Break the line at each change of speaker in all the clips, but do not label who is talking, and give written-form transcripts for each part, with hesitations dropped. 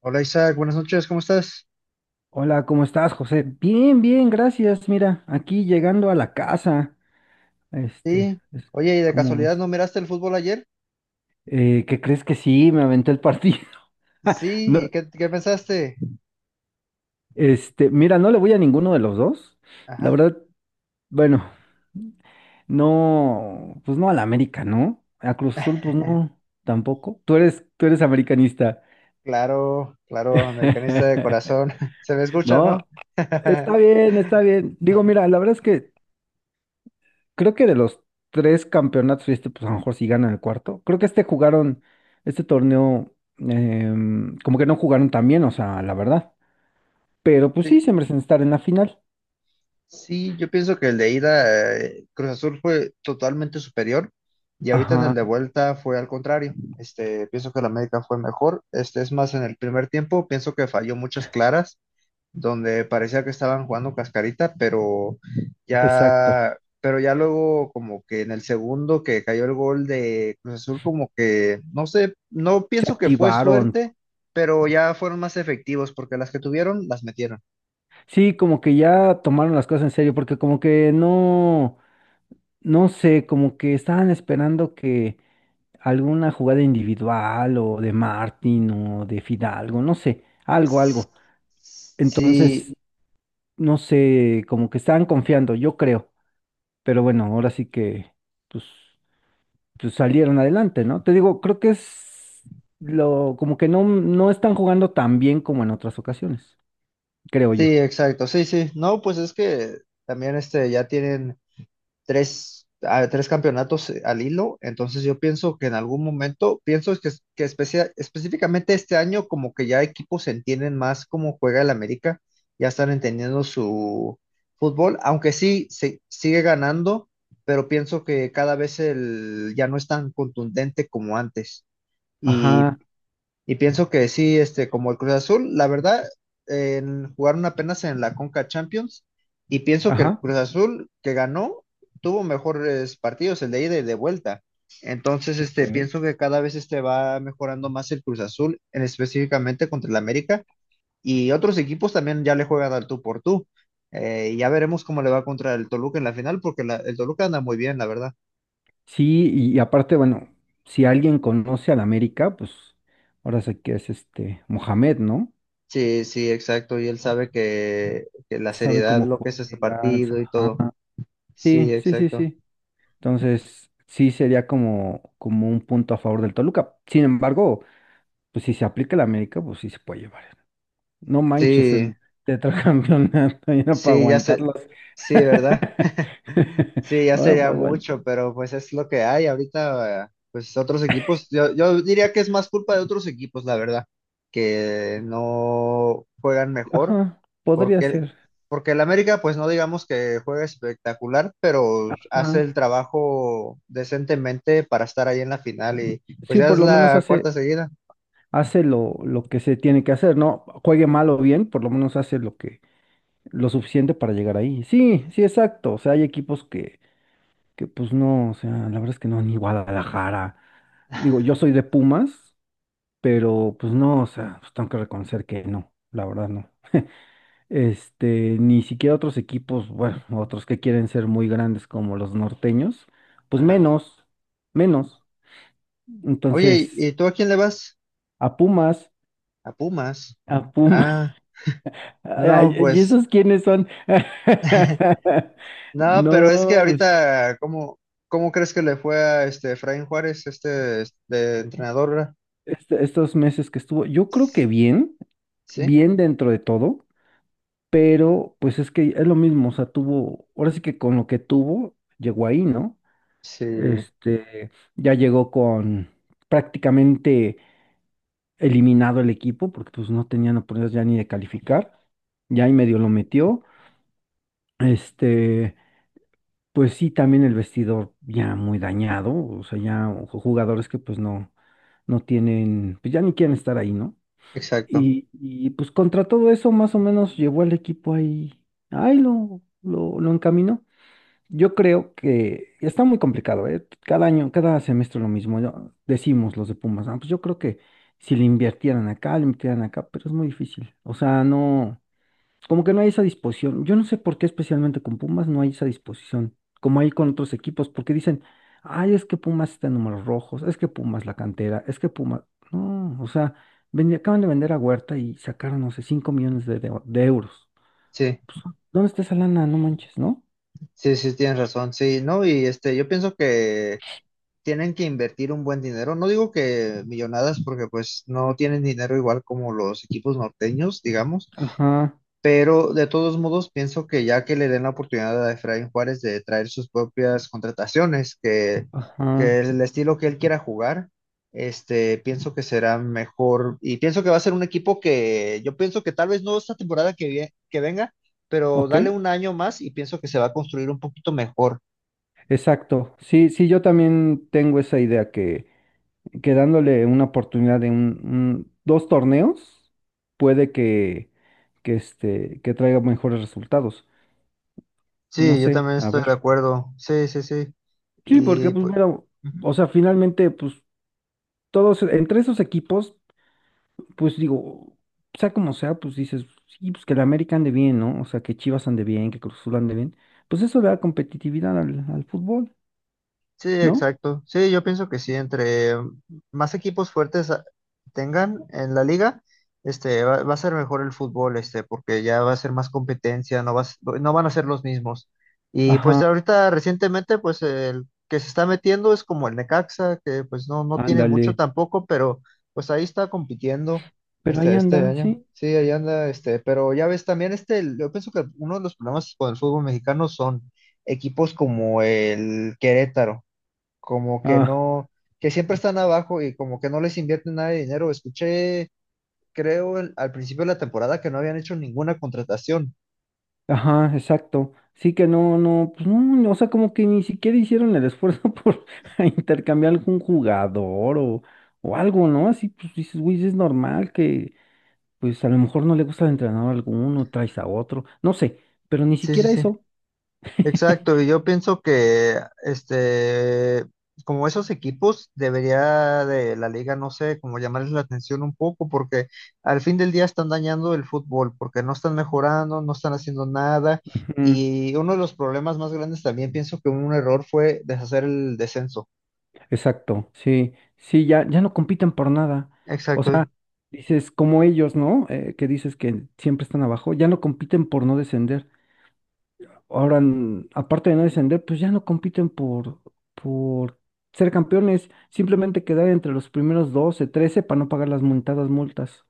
Hola Isaac, buenas noches, ¿cómo estás?
Hola, ¿cómo estás, José? Bien, bien, gracias. Mira, aquí llegando a la casa. Este,
Sí,
es-
oye, ¿y de
¿Cómo
casualidad
ves?
no miraste el fútbol ayer?
¿Qué crees que sí? Me aventé el partido. No,
Sí, ¿y qué pensaste?
mira, no le voy a ninguno de los dos. La
Ajá,
verdad, bueno, no, pues no a la América, ¿no? A Cruz Azul, pues no, tampoco. Tú eres americanista.
claro, claro, americanista de corazón, se me escucha,
No,
¿no?
está bien, está bien. Digo, mira, la verdad es que creo que de los tres campeonatos, y pues a lo mejor sí gana el cuarto, creo que jugaron, este torneo, como que no jugaron tan bien, o sea, la verdad. Pero pues sí,
Sí,
se merecen estar en la final.
sí, yo pienso que el de ida, Cruz Azul fue totalmente superior y ahorita en el
Ajá,
de vuelta fue al contrario. Pienso que la América fue mejor, es más en el primer tiempo, pienso que falló muchas claras. Donde parecía que estaban jugando cascarita, pero
exacto.
ya, pero ya luego como que en el segundo que cayó el gol de Cruz Azul, como que, no sé, no
Se
pienso que fue
activaron.
suerte, pero ya fueron más efectivos porque las que tuvieron las metieron.
Sí, como que ya tomaron las cosas en serio, porque como que no, no sé, como que estaban esperando que alguna jugada individual o de Martín o de Fidalgo, no sé, algo, algo.
Sí,
Entonces, no sé, como que estaban confiando, yo creo. Pero bueno, ahora sí que, pues, pues salieron adelante, ¿no? Te digo, creo que es lo, como que no están jugando tan bien como en otras ocasiones, creo
sí,
yo.
exacto, sí, sí, no, pues es que también ya tienen tres campeonatos al hilo, entonces yo pienso que en algún momento, pienso es que, específicamente este año como que ya equipos entienden más cómo juega el América, ya están entendiendo su fútbol, aunque sí sigue ganando, pero pienso que cada vez ya no es tan contundente como antes. Y
Ajá,
y pienso que sí, como el Cruz Azul, la verdad, jugaron apenas en la Conca Champions y pienso que el
ajá.
Cruz Azul que ganó tuvo mejores partidos, el de ida y de vuelta. Entonces,
Ok.
pienso que cada vez va mejorando más el Cruz Azul, en específicamente contra el América y otros equipos también ya le juegan al tú por tú. Y ya veremos cómo le va contra el Toluca en la final, porque el Toluca anda muy bien, la verdad.
Sí, y aparte, bueno, si alguien conoce al América, pues ahora sé que es este Mohamed, ¿no?
Sí, sí, exacto. Y él sabe que la
Sabe
seriedad,
cómo
lo que
juega.
es este partido y todo.
Ajá. Sí,
Sí,
sí, sí,
exacto.
sí. Entonces, sí sería como un punto a favor del Toluca. Sin embargo, pues si se aplica el América, pues sí se puede llevar. No manches
Sí,
el tetracampeonato, ya no para
sí, ya sé,
aguantarlos.
sí, ¿verdad? Sí, ya
Ahora
sería
para aguantar.
mucho, pero pues es lo que hay ahorita, pues otros equipos, yo diría que es más culpa de otros equipos, la verdad, que no juegan mejor,
Ajá, podría
porque,
ser.
porque el América, pues no digamos que juega espectacular, pero hace el
Ajá.
trabajo decentemente para estar ahí en la final y pues
Sí,
ya
por
es
lo menos
la
hace,
cuarta seguida.
hace lo que se tiene que hacer, ¿no? Juegue mal o bien, por lo menos hace lo que, lo suficiente para llegar ahí. Sí, sí, exacto. O sea, hay equipos que pues no, o sea, la verdad es que no, ni Guadalajara. Digo, yo soy de Pumas, pero pues no, o sea, pues tengo que reconocer que no, la verdad no. Ni siquiera otros equipos, bueno, otros que quieren ser muy grandes como los norteños, pues
Ajá.
menos, menos.
Oye, ¿y
Entonces,
y tú a quién le vas?
a Pumas,
A Pumas.
a Pumas,
Ah. No,
¿y
pues
esos quiénes son?
nada, pero es que
No, pues,
ahorita, ¿cómo crees que le fue a este Efraín Juárez, este entrenador? ¿Verdad?
estos meses que estuvo, yo creo que bien,
Sí,
bien dentro de todo. Pero pues es que es lo mismo, o sea, tuvo, ahora sí que con lo que tuvo, llegó ahí, ¿no?
sí,
Este, ya llegó con prácticamente eliminado el equipo, porque pues no tenían oportunidades ya ni de calificar, ya ahí medio lo metió, este, pues sí, también el vestidor ya muy dañado, o sea, ya jugadores que pues no tienen, pues ya ni quieren estar ahí, ¿no?
exacto.
Y pues contra todo eso más o menos llevó al equipo ahí, ahí lo encaminó. Yo creo que está muy complicado, ¿eh? Cada año, cada semestre lo mismo. Decimos los de Pumas: "Ah, pues yo creo que si le invirtieran acá, le invirtieran acá", pero es muy difícil. O sea, no, como que no hay esa disposición. Yo no sé por qué especialmente con Pumas no hay esa disposición, como hay con otros equipos, porque dicen, ay, es que Pumas está en números rojos, es que Pumas la cantera, es que Pumas... No, o sea, acaban de vender a Huerta y sacaron, no sé, 5 millones de, de euros.
Sí,
Pues, ¿dónde está esa lana? No manches, ¿no?
sí, sí, tienes razón. Sí, no, y yo pienso que tienen que invertir un buen dinero. No digo que millonadas, porque pues no tienen dinero igual como los equipos norteños, digamos.
Ajá,
Pero de todos modos, pienso que ya que le den la oportunidad a Efraín Juárez de traer sus propias contrataciones, que,
ajá.
que el estilo que él quiera jugar, pienso que será mejor. Y pienso que va a ser un equipo que yo pienso que tal vez no esta temporada que venga, pero
Ok,
dale un año más y pienso que se va a construir un poquito mejor.
exacto. Sí, sí, yo también tengo esa idea que, dándole una oportunidad de un, dos torneos, puede que traiga mejores resultados. No
Sí, yo
sé,
también
a
estoy
ver.
de acuerdo. Sí, sí, sí.
Sí, porque
Y
pues
pues.
bueno, o sea, finalmente, pues todos, entre esos equipos, pues digo, sea como sea, pues dices, sí, pues que la América ande bien, ¿no? O sea, que Chivas ande bien, que Cruz Azul ande bien. Pues eso le da competitividad al fútbol,
Sí,
¿no?
exacto. Sí, yo pienso que sí, entre más equipos fuertes tengan en la liga, va a ser mejor el fútbol, porque ya va a ser más competencia, no vas, no no van a ser los mismos. Y pues
Ajá,
ahorita recientemente, pues el que se está metiendo es como el Necaxa, que pues no, no tiene mucho
ándale.
tampoco, pero pues ahí está compitiendo
Pero
este,
ahí
este
anda,
año.
¿sí?
Sí, ahí anda, pero ya ves también yo pienso que uno de los problemas con el fútbol mexicano son equipos como el Querétaro como que
Ah,
no, que siempre están abajo y como que no les invierten nada de dinero. Escuché, creo, al principio de la temporada que no habían hecho ninguna contratación.
ajá, exacto. Sí que no, no, pues no, o sea, como que ni siquiera hicieron el esfuerzo por intercambiar algún jugador o algo, ¿no? Así, pues dices, güey, es normal que, pues a lo mejor no le gusta al entrenador alguno, traes a otro, no sé, pero ni
Sí, sí,
siquiera
sí.
eso.
Exacto. Y yo pienso que, este, como esos equipos, debería de la liga, no sé, como llamarles la atención un poco, porque al fin del día están dañando el fútbol, porque no están mejorando, no están haciendo nada.
Ujú.
Y uno de los problemas más grandes también pienso que un error fue deshacer el descenso.
Exacto, sí, sí, ya, ya no compiten por nada. O sea,
Exacto.
dices, como ellos, ¿no? Que dices que siempre están abajo, ya no compiten por no descender. Ahora, aparte de no descender, pues ya no compiten por ser campeones, simplemente quedar entre los primeros 12 13 para no pagar las multadas multas.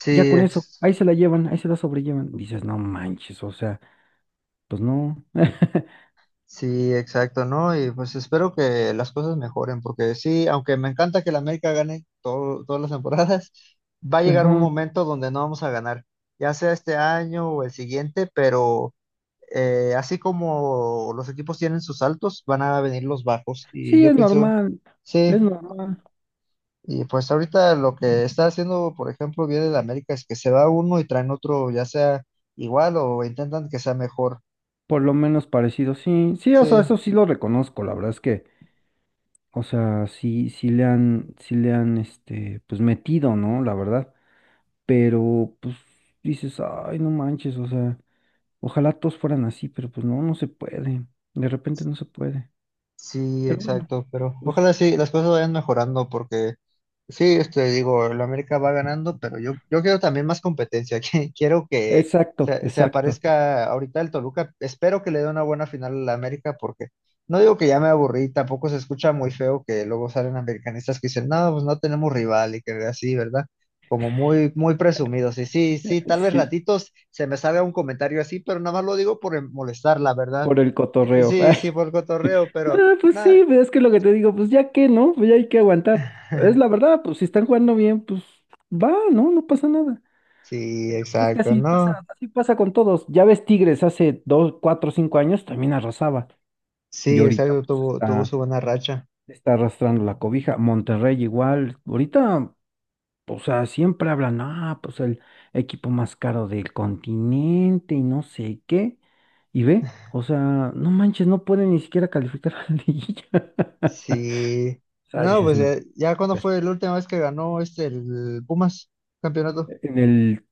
Sí,
Ya con eso, ahí se la llevan, ahí se la sobrellevan. Dices, no manches, o sea, pues no.
sí, exacto, ¿no? Y pues espero que las cosas mejoren, porque sí, aunque me encanta que la América gane todas las temporadas, va a
Pues,
llegar un
ajá.
momento donde no vamos a ganar, ya sea este año o el siguiente, pero así como los equipos tienen sus altos, van a venir los bajos. Y
Sí,
yo pienso, sí,
es normal,
y pues ahorita lo que está haciendo, por ejemplo, bien el América es que se va uno y traen otro, ya sea igual o intentan que sea mejor.
por lo menos parecido, sí, sí, o sea,
Sí.
eso sí lo reconozco, la verdad es que, o sea, sí sí le han, pues metido, ¿no? La verdad. Pero pues dices, ay, no manches, o sea, ojalá todos fueran así, pero pues no se puede, de repente no se puede,
Sí,
pero bueno,
exacto, pero
pues
ojalá sí, las cosas vayan mejorando porque sí, digo, el América va ganando, pero yo quiero también más competencia, quiero que
exacto,
se
exacto,
aparezca ahorita el Toluca, espero que le dé una buena final al América porque no digo que ya me aburrí, tampoco se escucha muy feo que luego salen americanistas que dicen, no, pues no tenemos rival y que así, ¿verdad? Como muy, muy presumidos, y sí, sí, tal vez
sí,
ratitos se me salga un comentario así, pero nada más lo digo por molestar, la verdad.
por el
Eh,
cotorreo.
Sí, sí, por cotorreo, pero.
No, pues
Nah.
sí, pues, es que lo que te digo, pues ya que, ¿no? Pues ya hay que aguantar. Es la verdad, pues si están jugando bien, pues va, ¿no? No pasa nada.
Sí,
Pues es que
exacto, no.
así pasa con todos. Ya ves, Tigres hace 2, 4, 5 años también arrasaba. Y
Sí,
ahorita
exacto,
pues
tuvo
está
su buena racha.
está arrastrando la cobija. Monterrey igual, ahorita, o sea, siempre hablan, ah, pues el equipo más caro del continente y no sé qué. Y ve, o sea, no manches, no pueden ni siquiera calificar a la liguilla.
Sí.
O sea,
No,
dices,
pues ya,
no,
ya cuando
pues,
fue la última vez que ganó el Pumas campeonato.
en el,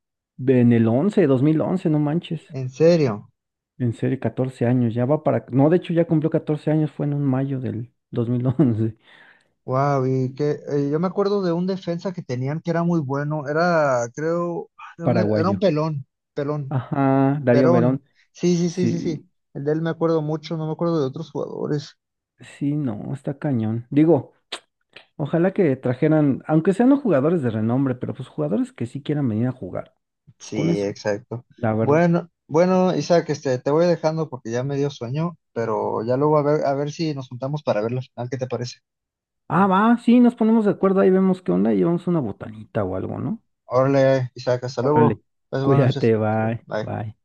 en el 11 2011, no manches.
En serio.
En serio, 14 años, ya va para... No, de hecho ya cumplió 14 años, fue en un mayo del 2011.
Wow, y que yo me acuerdo de un defensa que tenían que era muy bueno. Era, creo, ¿de dónde era? Era un
Paraguayo.
pelón, pelón,
Ajá, Darío
Verón.
Verón,
Sí, sí, sí, sí, sí.
sí.
El de él me acuerdo mucho, no me acuerdo de otros jugadores.
Sí, no, está cañón. Digo, ojalá que trajeran, aunque sean no jugadores de renombre, pero pues jugadores que sí quieran venir a jugar. Pues con
Sí,
eso,
exacto.
la verdad.
Bueno, bueno, Isaac, te voy dejando porque ya me dio sueño, pero ya luego a ver si nos juntamos para ver la final, ¿qué te parece?
Ah, va, sí, nos ponemos de acuerdo, ahí vemos qué onda y llevamos una botanita o algo, ¿no?
Órale, Isaac, hasta luego.
Órale.
Pues, buenas noches.
Cuídate,
Hasta luego.
bye,
Bye.
bye.